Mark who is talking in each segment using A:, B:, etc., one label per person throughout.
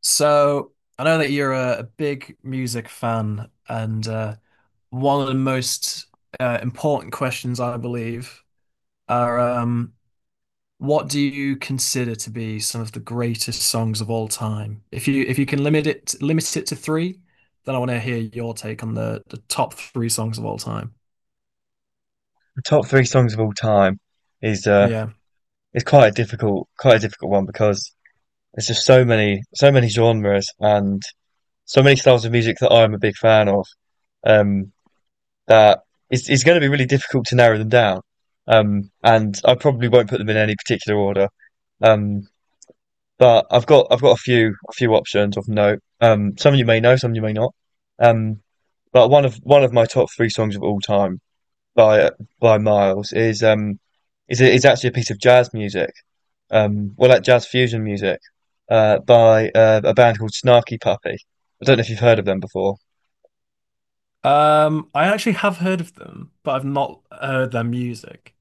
A: So I know that you're a big music fan, and one of the most important questions, I believe, are what do you consider to be some of the greatest songs of all time? If you can limit it to three, then I want to hear your take on the top three songs of all time.
B: Top three songs of all time is uh
A: Yeah.
B: is quite a difficult one, because there's just so many genres, and so many styles of music that I'm a big fan of. Um that it's it's going to be really difficult to narrow them down. And I probably won't put them in any particular order. um but I've got, I've got, a few options of note. Some you may know, some you may not. um but one of, one of, my top three songs of all time, by by Miles, is is actually a piece of jazz music. Well, like, jazz fusion music, by a band called Snarky Puppy. I don't know if you've heard of them before.
A: I actually have heard of them, but I've not heard their music.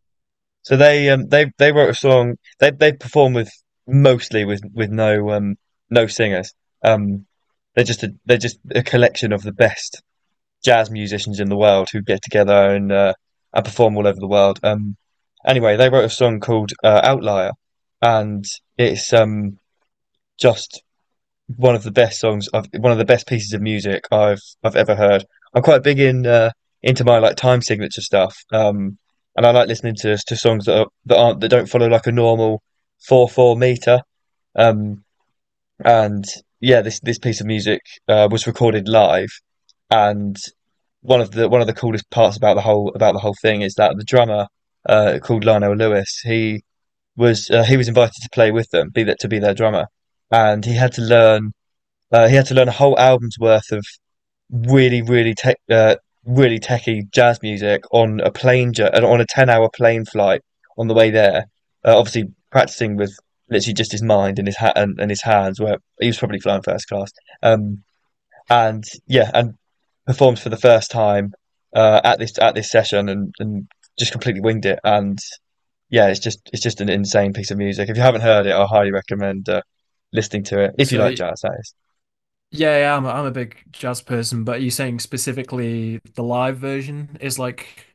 B: So, they wrote a song. They perform with, mostly with, no no singers. Um they're just a, collection of the best jazz musicians in the world, who get together and, and perform all over the world. Anyway, they wrote a song called, Outlier, and it's, just one of the best songs I've, one of the best pieces of music I've ever heard. I'm quite big in into my, like, time signature stuff. And I like listening to songs that aren't, that don't follow, like, a normal 4/4 meter. Um and yeah, this piece of music, was recorded live, and one of the, one of the, coolest parts about the whole, about the whole, thing is that the drummer, called Lionel Lewis, he was invited to play with them, be that to be their drummer, and he had to learn, a whole album's worth of really, really really techie jazz music on a 10-hour plane flight on the way there. Obviously, practicing with literally just his mind and his hat, and his hands. Where he was probably flying first class. Um, and yeah, and performed for the first time at this session, and just completely winged it. And yeah, it's just, it's just, an insane piece of music. If you haven't heard it, I highly recommend, listening to it, if you like
A: So.
B: jazz. That is.
A: Yeah, yeah, I'm I'm a big jazz person, but are you saying specifically the live version is like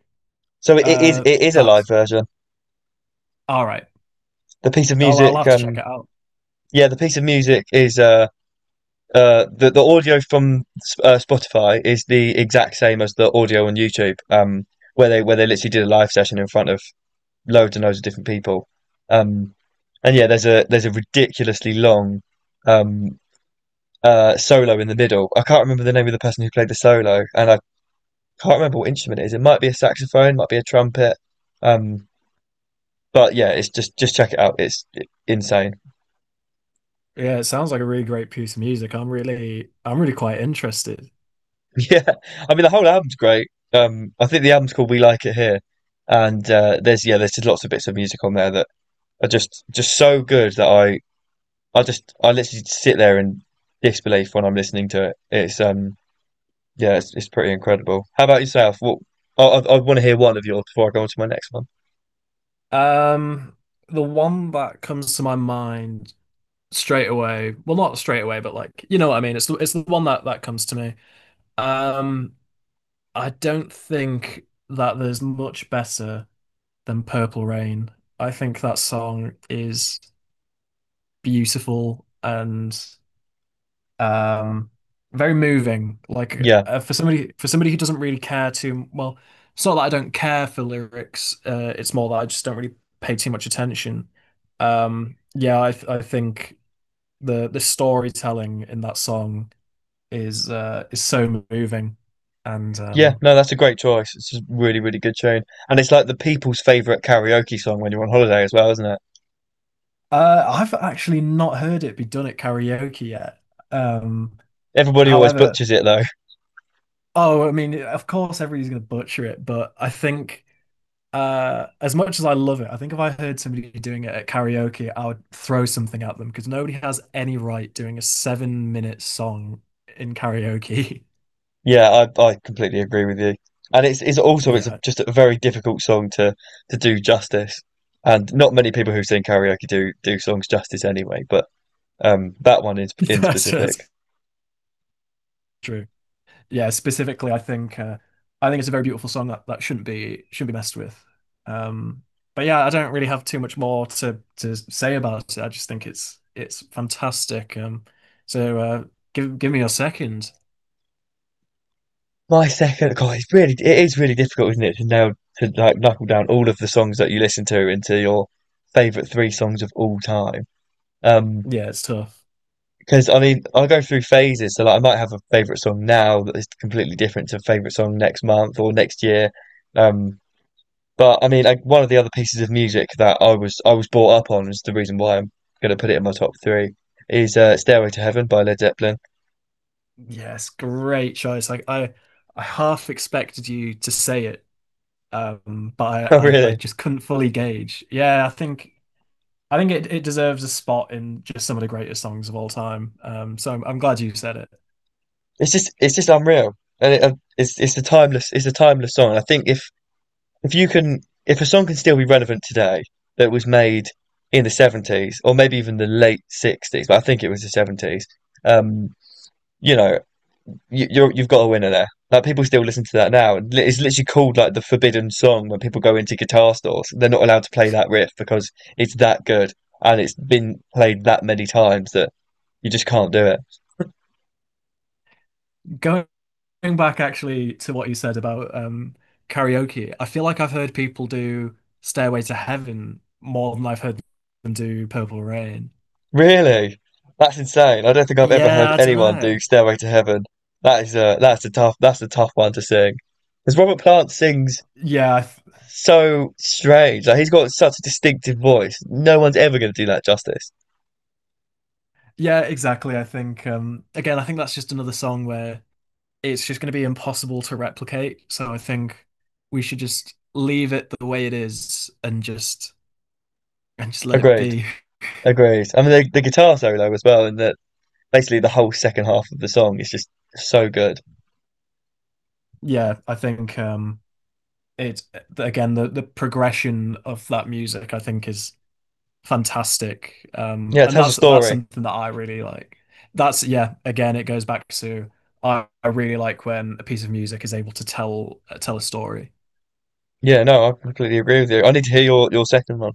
B: So it it is it is a live
A: that's
B: version.
A: all right.
B: The piece of
A: I'll
B: music,
A: have to check it out.
B: yeah, the piece of music is, the audio from Spotify, is the exact same as the audio on YouTube, where they literally did a live session in front of loads and loads of different people. um, and yeah, there's a, there's a, ridiculously long, um, solo in the middle. I can't remember the name of the person who played the solo, and I can't remember what instrument it is. It might be a saxophone, might be a trumpet. um, but yeah, it's just check it out. It's insane.
A: Yeah, it sounds like a really great piece of music. I'm really quite interested.
B: Yeah, I mean, the whole album's great. I think the album's called "We Like It Here," and, there's, yeah, there's just lots of bits of music on there that are just so good, that I literally sit there in disbelief when I'm listening to it. It's, yeah, it's pretty incredible. How about yourself? What, I want to hear one of yours before I go on to my next one.
A: Um, the one that comes to my mind straight away, well not straight away, but like you know what I mean, it's the one that comes to me. Um, I don't think that there's much better than Purple Rain. I think that song is beautiful and um very moving. Like
B: Yeah,
A: for somebody who doesn't really care too well, it's not that I don't care for lyrics. It's more that I just don't really pay too much attention. Yeah, I think the storytelling in that song is so moving, and
B: yeah, no, that's a great choice. It's a really, really good tune, and it's, like, the people's favorite karaoke song when you're on holiday as well, isn't it?
A: I've actually not heard it be done at karaoke yet. Um,
B: Everybody always
A: however,
B: butchers it, though.
A: oh, I mean, of course everybody's gonna butcher it, but I think. As much as I love it, I think if I heard somebody doing it at karaoke, I would throw something at them because nobody has any right doing a 7 minute song in karaoke.
B: Yeah, I completely agree with you. And it's also,
A: Yeah,
B: just a very difficult song to do justice. And not many people who sing karaoke do songs justice anyway, but that one is, in specific.
A: that's true. Yeah, specifically, I think it's a very beautiful song that shouldn't be messed with. Um, but yeah, I don't really have too much more to say about it. I just think it's fantastic. So give me a second.
B: My second... God, it is really difficult, isn't it, to nail to like, knuckle down all of the songs that you listen to into your favorite three songs of all time. Um
A: Yeah, it's tough.
B: because, I mean, I go through phases, so, like, I might have a favorite song now that is completely different to a favorite song next month or next year. Um But, I mean, like, one of the other pieces of music that I was brought up on, is the reason why I'm gonna put it in my top three. Is, "Stairway to Heaven" by Led Zeppelin.
A: Yes, great choice. I half expected you to say it, but
B: Oh,
A: I
B: really?
A: just couldn't fully gauge. Yeah, I think it deserves a spot in just some of the greatest songs of all time. So I'm glad you said it.
B: It's just, it's just, unreal, and it's a timeless song. I think if you can, if a song can still be relevant today, that was made in the 70s, or maybe even the late 60s, but I think it was the 70s. Um, you know, you've got a winner there. Like, people still listen to that now. It's literally called, like, the forbidden song, when people go into guitar stores. They're not allowed to play that riff because it's that good, and it's been played that many times that you just can't do it.
A: Going back actually to what you said about karaoke, I feel like I've heard people do Stairway to Heaven more than I've heard them do Purple Rain.
B: Really? That's insane. I don't think I've ever
A: Yeah,
B: heard
A: I don't
B: anyone do
A: know.
B: Stairway to Heaven. That's a tough one to sing. Because Robert Plant sings
A: Yeah, I th-
B: so strange. Like, he's got such a distinctive voice. No one's ever going to do that justice.
A: yeah, exactly. I think again, I think that's just another song where it's just going to be impossible to replicate. So I think we should just leave it the way it is and just let it
B: Agreed.
A: be.
B: Agreed. I mean, the guitar solo as well, in the basically the whole second half of the song, is just so good.
A: Yeah, I think it's again the progression of that music I think is fantastic. Um,
B: Yeah, it
A: and
B: tells a
A: that's
B: story.
A: something that I really like. That's yeah, again it goes back to I really like when a piece of music is able to tell a story.
B: Yeah, no, I completely agree with you. I need to hear your second one.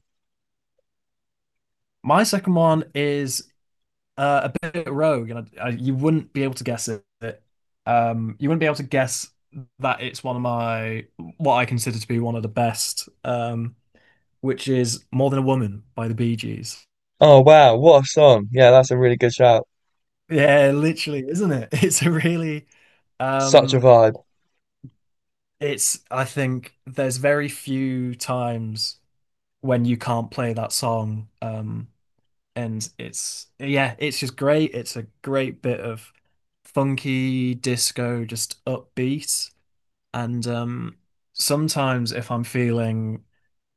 A: My second one is a bit rogue, and you wouldn't be able to guess it. You wouldn't be able to guess that it's one of my what I consider to be one of the best, which is "More Than a Woman" by the Bee Gees.
B: Oh, wow, what a song. Yeah, that's a really good shout.
A: Yeah, literally, isn't it? It's a really,
B: Such a
A: um,
B: vibe.
A: it's I think there's very few times when you can't play that song, and it's yeah, it's just great. It's a great bit of funky disco, just upbeat. And sometimes if I'm feeling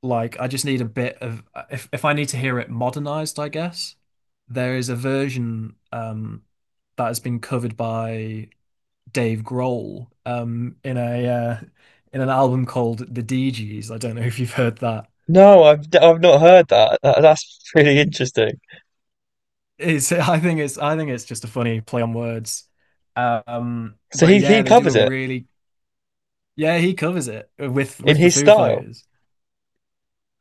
A: like I just need a bit of if I need to hear it modernized, I guess, there is a version that has been covered by Dave Grohl in a in an album called The DGs. I don't know if you've heard that.
B: No, I've not heard that. That's really interesting.
A: It's I think it's just a funny play on words. Um,
B: So
A: but
B: he
A: yeah, they do
B: covers
A: a
B: it
A: really yeah, he covers it with
B: in
A: the
B: his
A: Foo
B: style.
A: Fighters.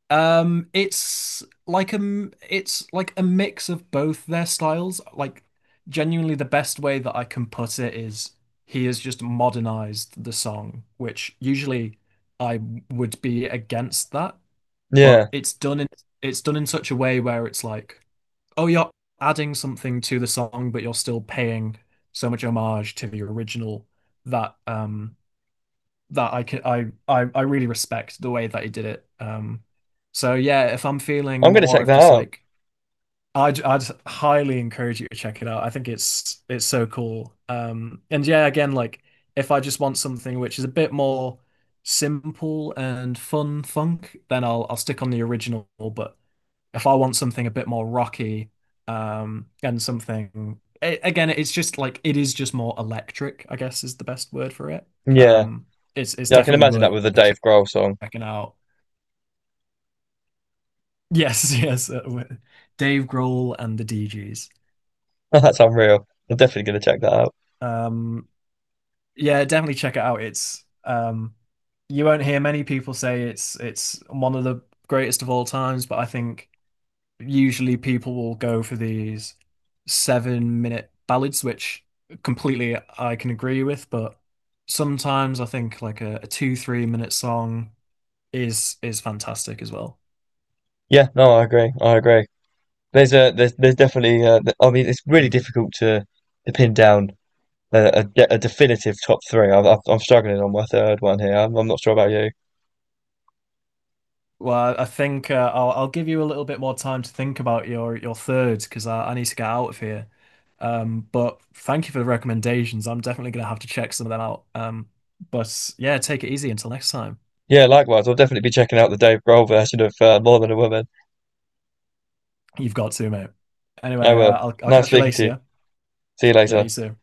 A: It's like it's like a mix of both their styles. Like genuinely the best way that I can put it is he has just modernized the song, which usually I would be against that, but
B: Yeah.
A: it's done in such a way where it's like, oh, you're adding something to the song, but you're still paying so much homage to the original that that I could I really respect the way that he did it. So yeah, if I'm feeling
B: I'm gonna
A: more
B: check
A: of
B: that
A: just
B: out.
A: like I'd highly encourage you to check it out. I think it's so cool. And yeah, again, like if I just want something which is a bit more simple and fun funk, then I'll stick on the original. But if I want something a bit more rocky, and something again, it's just like it is just more electric, I guess is the best word for it.
B: Yeah.
A: Um, it's
B: Yeah, I can
A: definitely
B: imagine that
A: worth
B: with the Dave Grohl song.
A: checking out. Yes, yes, Dave Grohl and the DGs.
B: That's unreal. I'm definitely gonna check that out.
A: Um, yeah, definitely check it out. It's you won't hear many people say it's one of the greatest of all times, but I think usually people will go for these 7 minute ballads, which completely I can agree with, but sometimes I think like a two, 3 minute song is fantastic as well.
B: Yeah, no, I agree. I agree. There's a there's There's definitely, I mean, it's really
A: Mm.
B: difficult to pin down a, a, a definitive top three. I'm struggling on my third one here. I'm not sure about you.
A: Well, I think I'll give you a little bit more time to think about your third because I need to get out of here. But thank you for the recommendations. I'm definitely gonna have to check some of them out. But yeah, take it easy until next time.
B: Yeah, likewise. I'll definitely be checking out the Dave Grohl version of, More Than a Woman.
A: You've got to, mate.
B: I
A: Anyway,
B: will.
A: I'll
B: Nice
A: catch you
B: speaking to
A: later.
B: you.
A: Yeah?
B: See you
A: Yeah, you
B: later.
A: too.